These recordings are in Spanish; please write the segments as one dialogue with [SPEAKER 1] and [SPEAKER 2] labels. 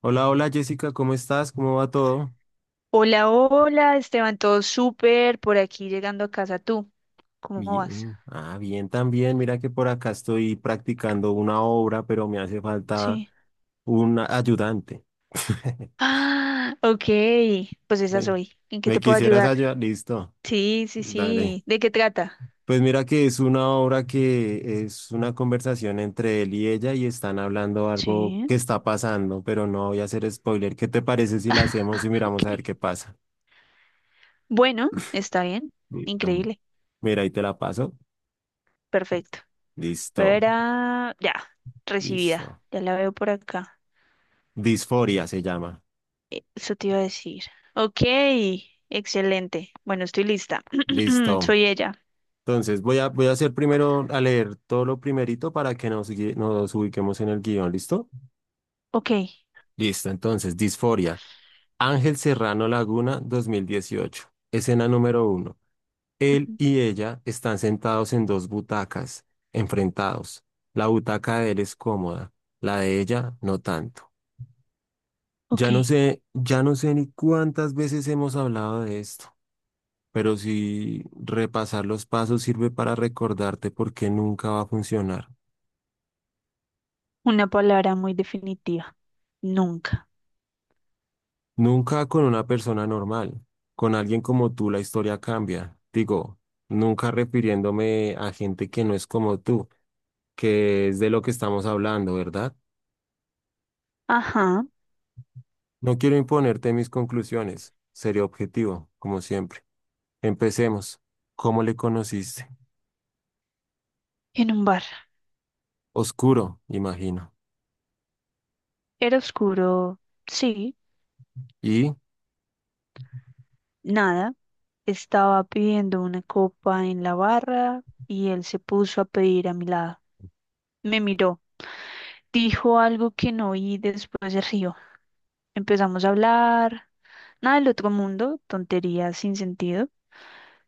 [SPEAKER 1] Hola, hola Jessica, ¿cómo estás? ¿Cómo va todo?
[SPEAKER 2] Hola, hola, Esteban, todo súper por aquí llegando a casa. ¿Tú cómo vas?
[SPEAKER 1] Bien, bien también. Mira que por acá estoy practicando una obra, pero me hace falta
[SPEAKER 2] Sí.
[SPEAKER 1] un ayudante.
[SPEAKER 2] Ok, pues esa
[SPEAKER 1] ¿Me,
[SPEAKER 2] soy. ¿En qué
[SPEAKER 1] ¿Me
[SPEAKER 2] te puedo
[SPEAKER 1] quisieras
[SPEAKER 2] ayudar?
[SPEAKER 1] ayudar? Listo,
[SPEAKER 2] Sí, sí,
[SPEAKER 1] dale.
[SPEAKER 2] sí. ¿De qué trata?
[SPEAKER 1] Pues mira que es una obra que es una conversación entre él y ella y están hablando algo que
[SPEAKER 2] Sí,
[SPEAKER 1] está pasando, pero no voy a hacer spoiler. ¿Qué te parece si la hacemos y miramos a
[SPEAKER 2] ok.
[SPEAKER 1] ver qué pasa?
[SPEAKER 2] Bueno, está bien.
[SPEAKER 1] Listo.
[SPEAKER 2] Increíble.
[SPEAKER 1] Mira, ahí te la paso.
[SPEAKER 2] Perfecto.
[SPEAKER 1] Listo,
[SPEAKER 2] Verá, ya, recibida.
[SPEAKER 1] listo.
[SPEAKER 2] Ya la veo por acá.
[SPEAKER 1] Disforia se llama.
[SPEAKER 2] Eso te iba a decir. Ok, excelente. Bueno, estoy lista.
[SPEAKER 1] Listo.
[SPEAKER 2] Soy ella.
[SPEAKER 1] Entonces voy a hacer primero, a leer todo lo primerito para que nos ubiquemos en el guión. ¿Listo?
[SPEAKER 2] Ok.
[SPEAKER 1] Listo. Entonces, Disforia. Ángel Serrano Laguna, 2018. Escena número uno. Él
[SPEAKER 2] Ujú.
[SPEAKER 1] y ella están sentados en dos butacas, enfrentados. La butaca de él es cómoda, la de ella no tanto.
[SPEAKER 2] Ok.
[SPEAKER 1] Ya no sé ni cuántas veces hemos hablado de esto. Pero si repasar los pasos sirve para recordarte por qué nunca va a funcionar.
[SPEAKER 2] Una palabra muy definitiva. Nunca.
[SPEAKER 1] Nunca con una persona normal. Con alguien como tú la historia cambia. Digo, nunca refiriéndome a gente que no es como tú, que es de lo que estamos hablando, ¿verdad?
[SPEAKER 2] Ajá.
[SPEAKER 1] No quiero imponerte mis conclusiones. Seré objetivo, como siempre. Empecemos. ¿Cómo le conociste?
[SPEAKER 2] En un bar.
[SPEAKER 1] Oscuro, imagino.
[SPEAKER 2] Era oscuro. Sí.
[SPEAKER 1] Y
[SPEAKER 2] Nada. Estaba pidiendo una copa en la barra y él se puso a pedir a mi lado. Me miró. Dijo algo que no oí, después se rió. Empezamos a hablar. Nada del otro mundo, tonterías sin sentido.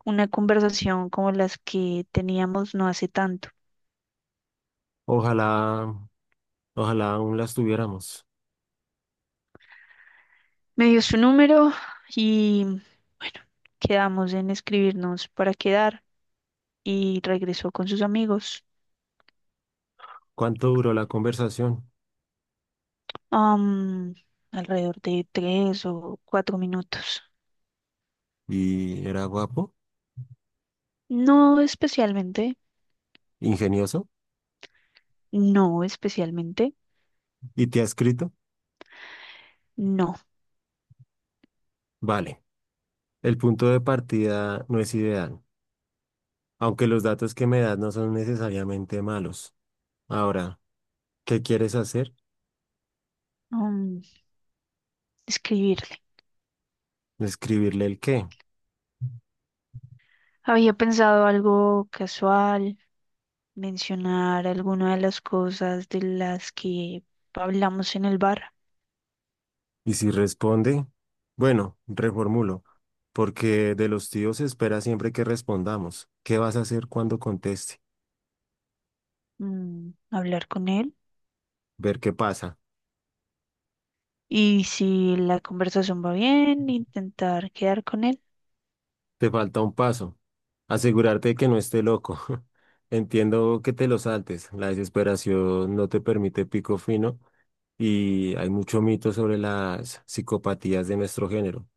[SPEAKER 2] Una conversación como las que teníamos no hace tanto.
[SPEAKER 1] ojalá, ojalá aún las tuviéramos.
[SPEAKER 2] Me dio su número y bueno, quedamos en escribirnos para quedar, y regresó con sus amigos.
[SPEAKER 1] ¿Cuánto duró la conversación?
[SPEAKER 2] am, Alrededor de tres o cuatro minutos.
[SPEAKER 1] Y era guapo,
[SPEAKER 2] No especialmente,
[SPEAKER 1] ingenioso
[SPEAKER 2] no especialmente,
[SPEAKER 1] y te ha escrito.
[SPEAKER 2] no.
[SPEAKER 1] Vale, el punto de partida no es ideal, aunque los datos que me das no son necesariamente malos. Ahora, ¿qué quieres hacer?
[SPEAKER 2] mm, Describirle.
[SPEAKER 1] Escribirle el qué.
[SPEAKER 2] Había pensado algo casual, mencionar alguna de las cosas de las que hablamos en el bar.
[SPEAKER 1] Y si responde, bueno, reformulo, porque de los tíos se espera siempre que respondamos. ¿Qué vas a hacer cuando conteste?
[SPEAKER 2] Hablar con él.
[SPEAKER 1] Ver qué pasa.
[SPEAKER 2] Y si la conversación va bien, intentar quedar con él.
[SPEAKER 1] Te falta un paso. Asegurarte de que no esté loco. Entiendo que te lo saltes. La desesperación no te permite pico fino y hay mucho mito sobre las psicopatías de nuestro género.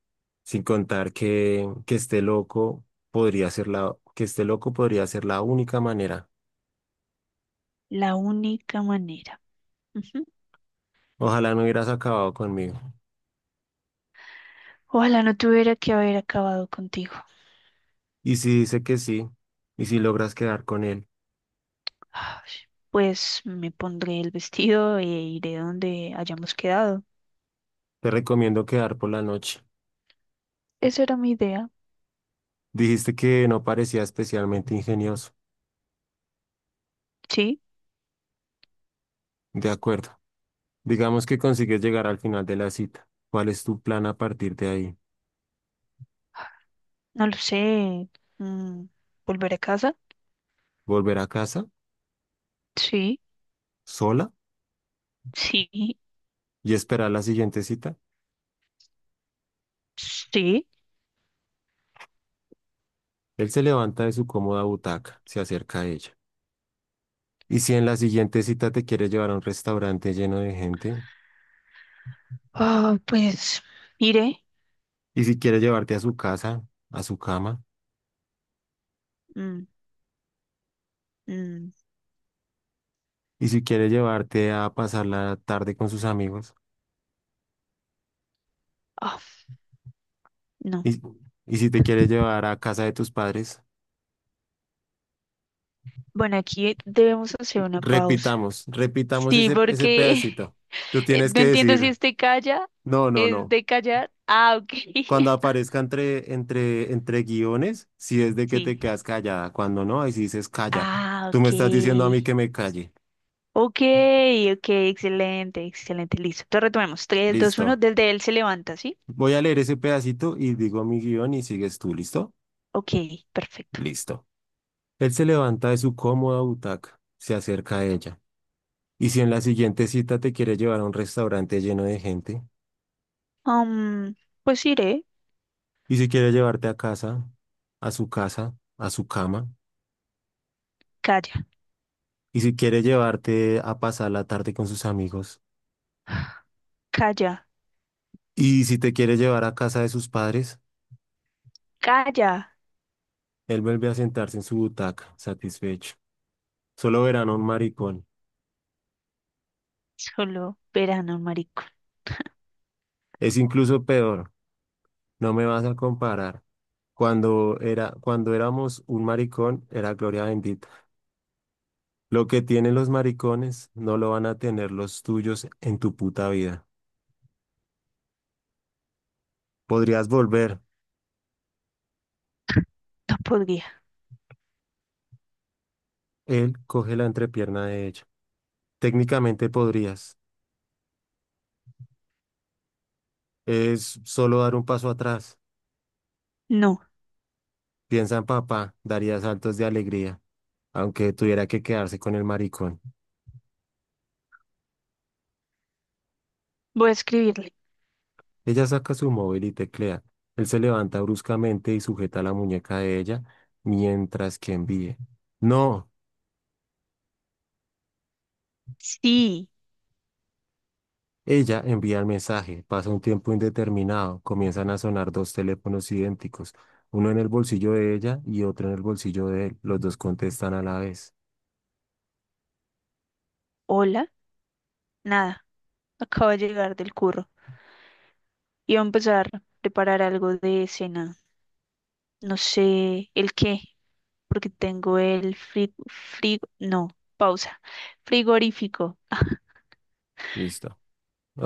[SPEAKER 1] Sin contar que esté loco que esté loco podría ser la única manera.
[SPEAKER 2] La única manera.
[SPEAKER 1] Ojalá no hubieras acabado conmigo.
[SPEAKER 2] Ojalá no tuviera que haber acabado contigo.
[SPEAKER 1] Y si dice que sí, y si logras quedar con él,
[SPEAKER 2] Ay, Pues me pondré el vestido e iré donde hayamos quedado.
[SPEAKER 1] te recomiendo quedar por la noche.
[SPEAKER 2] Esa era mi idea.
[SPEAKER 1] Dijiste que no parecía especialmente ingenioso.
[SPEAKER 2] Sí,
[SPEAKER 1] De acuerdo. Digamos que consigues llegar al final de la cita. ¿Cuál es tu plan a partir de ahí?
[SPEAKER 2] no lo sé. mm, ¿Volver a casa?
[SPEAKER 1] ¿Volver a casa
[SPEAKER 2] Sí,
[SPEAKER 1] sola
[SPEAKER 2] sí,
[SPEAKER 1] y esperar la siguiente cita?
[SPEAKER 2] sí.
[SPEAKER 1] Él se levanta de su cómoda butaca, se acerca a ella. ¿Y si en la siguiente cita te quiere llevar a un restaurante lleno de gente?
[SPEAKER 2] Pues iré.
[SPEAKER 1] ¿Y si quiere llevarte a su casa, a su cama?
[SPEAKER 2] Mm, mm,
[SPEAKER 1] ¿Y si quiere llevarte a pasar la tarde con sus amigos?
[SPEAKER 2] ah, no.
[SPEAKER 1] ¿Y, ¿y si te quiere llevar a casa de tus padres?
[SPEAKER 2] Bueno, aquí debemos hacer una pausa.
[SPEAKER 1] Repitamos
[SPEAKER 2] Sí,
[SPEAKER 1] ese
[SPEAKER 2] porque
[SPEAKER 1] pedacito. Tú tienes
[SPEAKER 2] no
[SPEAKER 1] que
[SPEAKER 2] entiendo si
[SPEAKER 1] decir,
[SPEAKER 2] este calla
[SPEAKER 1] no, no,
[SPEAKER 2] es
[SPEAKER 1] no.
[SPEAKER 2] de callar. Ah, ok.
[SPEAKER 1] Cuando aparezca entre guiones, si es de que
[SPEAKER 2] Sí.
[SPEAKER 1] te quedas callada, cuando no, ahí sí dices calla.
[SPEAKER 2] Ah,
[SPEAKER 1] Tú
[SPEAKER 2] ok.
[SPEAKER 1] me estás diciendo a mí que me calle.
[SPEAKER 2] Ok, ok, excelente, excelente, listo. Entonces retomemos. 3, 2, 1,
[SPEAKER 1] Listo.
[SPEAKER 2] desde él se levanta, ¿sí?
[SPEAKER 1] Voy a leer ese pedacito y digo mi guión y sigues tú, ¿listo?
[SPEAKER 2] Ok, perfecto.
[SPEAKER 1] Listo. Él se levanta de su cómoda butaca, se acerca a ella. ¿Y si en la siguiente cita te quiere llevar a un restaurante lleno de gente?
[SPEAKER 2] Um, pues iré.
[SPEAKER 1] ¿Y si quiere llevarte a casa, a su cama?
[SPEAKER 2] Calla,
[SPEAKER 1] ¿Y si quiere llevarte a pasar la tarde con sus amigos?
[SPEAKER 2] calla,
[SPEAKER 1] ¿Y si te quiere llevar a casa de sus padres?
[SPEAKER 2] calla.
[SPEAKER 1] Él vuelve a sentarse en su butaca, satisfecho. Solo verán a un maricón.
[SPEAKER 2] Solo verano, marico.
[SPEAKER 1] Es incluso peor. No me vas a comparar. Cuando éramos un maricón, era gloria bendita. Lo que tienen los maricones no lo van a tener los tuyos en tu puta vida. Podrías volver.
[SPEAKER 2] No podría.
[SPEAKER 1] Él coge la entrepierna de ella. Técnicamente podrías. Es solo dar un paso atrás.
[SPEAKER 2] No,
[SPEAKER 1] Piensa en papá, daría saltos de alegría, aunque tuviera que quedarse con el maricón.
[SPEAKER 2] voy a escribirle.
[SPEAKER 1] Ella saca su móvil y teclea. Él se levanta bruscamente y sujeta la muñeca de ella mientras que envíe. No,
[SPEAKER 2] Sí,
[SPEAKER 1] ella envía el mensaje. Pasa un tiempo indeterminado. Comienzan a sonar dos teléfonos idénticos, uno en el bolsillo de ella y otro en el bolsillo de él. Los dos contestan a la vez.
[SPEAKER 2] hola, nada. Acabo de llegar del curro. Y a empezar a preparar algo de cena. No sé el qué, porque tengo el no, pausa, frigorífico.
[SPEAKER 1] Listo.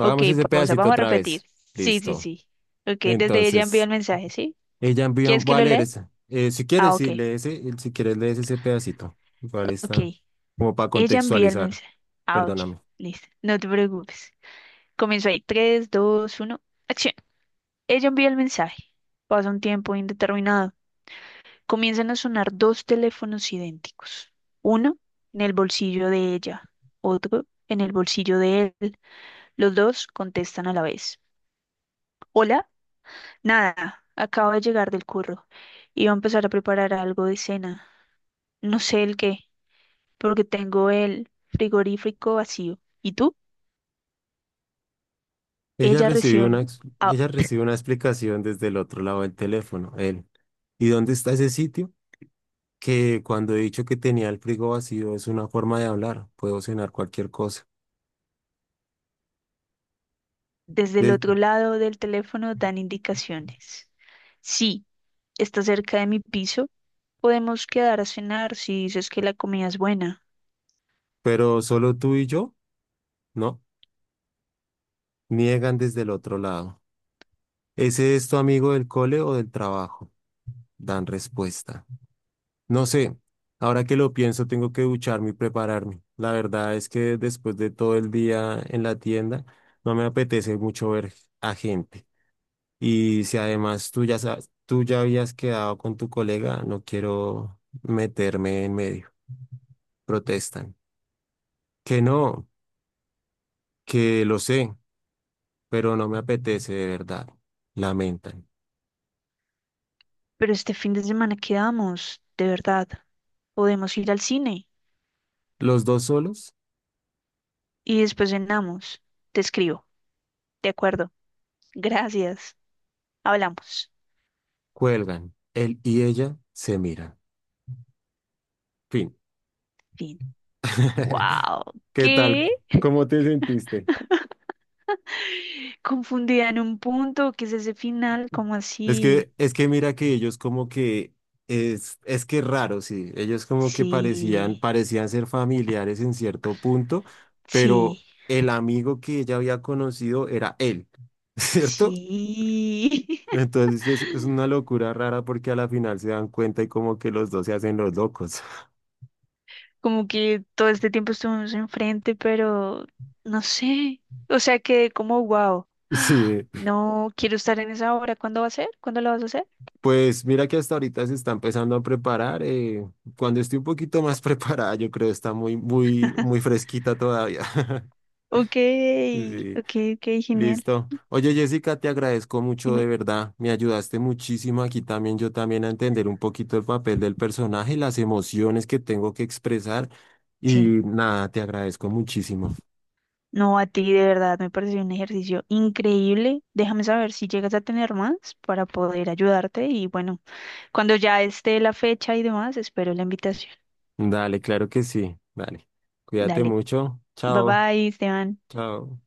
[SPEAKER 2] Ok,
[SPEAKER 1] ese
[SPEAKER 2] pausa,
[SPEAKER 1] pedacito
[SPEAKER 2] vamos a
[SPEAKER 1] otra
[SPEAKER 2] repetir.
[SPEAKER 1] vez.
[SPEAKER 2] Sí, sí,
[SPEAKER 1] Listo.
[SPEAKER 2] sí. Ok, desde ella envió
[SPEAKER 1] Entonces,
[SPEAKER 2] el mensaje, ¿sí?
[SPEAKER 1] ella envía un...
[SPEAKER 2] ¿Quieres que
[SPEAKER 1] Voy a
[SPEAKER 2] lo
[SPEAKER 1] leer
[SPEAKER 2] lea?
[SPEAKER 1] ese. Si
[SPEAKER 2] Ah,
[SPEAKER 1] quieres,
[SPEAKER 2] ok,
[SPEAKER 1] sí, lee ese. Si quieres, lees ese pedacito. Igual
[SPEAKER 2] ok.
[SPEAKER 1] está como para
[SPEAKER 2] Ella envía el
[SPEAKER 1] contextualizar.
[SPEAKER 2] mensaje. Ah, ok,
[SPEAKER 1] Perdóname.
[SPEAKER 2] listo, no te preocupes. Comienzo ahí, 3, 2, 1, acción. Ella envía el mensaje. Pasa un tiempo indeterminado. Comienzan a sonar dos teléfonos idénticos. Uno en el bolsillo de ella, otro en el bolsillo de él. Los dos contestan a la vez. Hola, nada, acabo de llegar del curro. Iba a empezar a preparar algo de cena. No sé el qué, porque tengo el frigorífico vacío. ¿Y tú?
[SPEAKER 1] Ella
[SPEAKER 2] Ella
[SPEAKER 1] recibió
[SPEAKER 2] recién,
[SPEAKER 1] una, ex-
[SPEAKER 2] ah,
[SPEAKER 1] ella recibió una explicación desde el otro lado del teléfono, él. ¿Y dónde está ese sitio? Que cuando he dicho que tenía el frigo vacío es una forma de hablar, puedo cenar cualquier cosa.
[SPEAKER 2] desde el otro
[SPEAKER 1] De-
[SPEAKER 2] lado del teléfono dan indicaciones. Sí, está cerca de mi piso. Podemos quedar a cenar si dices que la comida es buena.
[SPEAKER 1] pero solo tú y yo, ¿no? Niegan desde el otro lado. ¿Ese es tu amigo del cole o del trabajo? Dan respuesta. No sé, ahora que lo pienso tengo que ducharme y prepararme. La verdad es que después de todo el día en la tienda, no me apetece mucho ver a gente. Y si además tú ya sabes, tú ya habías quedado con tu colega, no quiero meterme en medio. Protestan. Que no, que lo sé, pero no me apetece de verdad. Lamentan.
[SPEAKER 2] Pero este fin de semana quedamos, de verdad. Podemos ir al cine
[SPEAKER 1] Los dos solos
[SPEAKER 2] y después cenamos. Te escribo, ¿de acuerdo? Gracias. Hablamos.
[SPEAKER 1] cuelgan. Él y ella se miran. Fin.
[SPEAKER 2] Fin. Wow.
[SPEAKER 1] ¿Qué tal?
[SPEAKER 2] ¿Qué?
[SPEAKER 1] ¿Cómo te sentiste?
[SPEAKER 2] Confundida en un punto. ¿Qué es ese final? ¿Cómo así?
[SPEAKER 1] Es que mira que ellos como que es que es raro, sí. Ellos como que
[SPEAKER 2] Sí,
[SPEAKER 1] parecían ser familiares en cierto punto, pero
[SPEAKER 2] sí,
[SPEAKER 1] el amigo que ella había conocido era él, ¿cierto?
[SPEAKER 2] sí.
[SPEAKER 1] Entonces sí, es una locura rara porque a la final se dan cuenta y como que los dos se hacen los locos.
[SPEAKER 2] Como que todo este tiempo estuvimos enfrente, pero no sé. O sea, que como wow.
[SPEAKER 1] Sí,
[SPEAKER 2] No quiero estar en esa hora. ¿Cuándo va a ser? ¿Cuándo lo vas a hacer?
[SPEAKER 1] pues mira que hasta ahorita se está empezando a preparar. Cuando esté un poquito más preparada, yo creo está muy, muy, muy fresquita todavía.
[SPEAKER 2] Ok,
[SPEAKER 1] Sí.
[SPEAKER 2] ok, ok, genial.
[SPEAKER 1] Listo. Oye, Jessica, te agradezco mucho
[SPEAKER 2] Dime.
[SPEAKER 1] de verdad. Me ayudaste muchísimo aquí también, yo también a entender un poquito el papel del personaje, las emociones que tengo que expresar y
[SPEAKER 2] Sí.
[SPEAKER 1] nada, te agradezco muchísimo.
[SPEAKER 2] No, a ti de verdad me pareció un ejercicio increíble. Déjame saber si llegas a tener más para poder ayudarte y bueno, cuando ya esté la fecha y demás, espero la invitación.
[SPEAKER 1] Dale, claro que sí. Dale. Cuídate
[SPEAKER 2] Dale.
[SPEAKER 1] mucho.
[SPEAKER 2] Bye
[SPEAKER 1] Chao.
[SPEAKER 2] bye, Esteban.
[SPEAKER 1] Chao.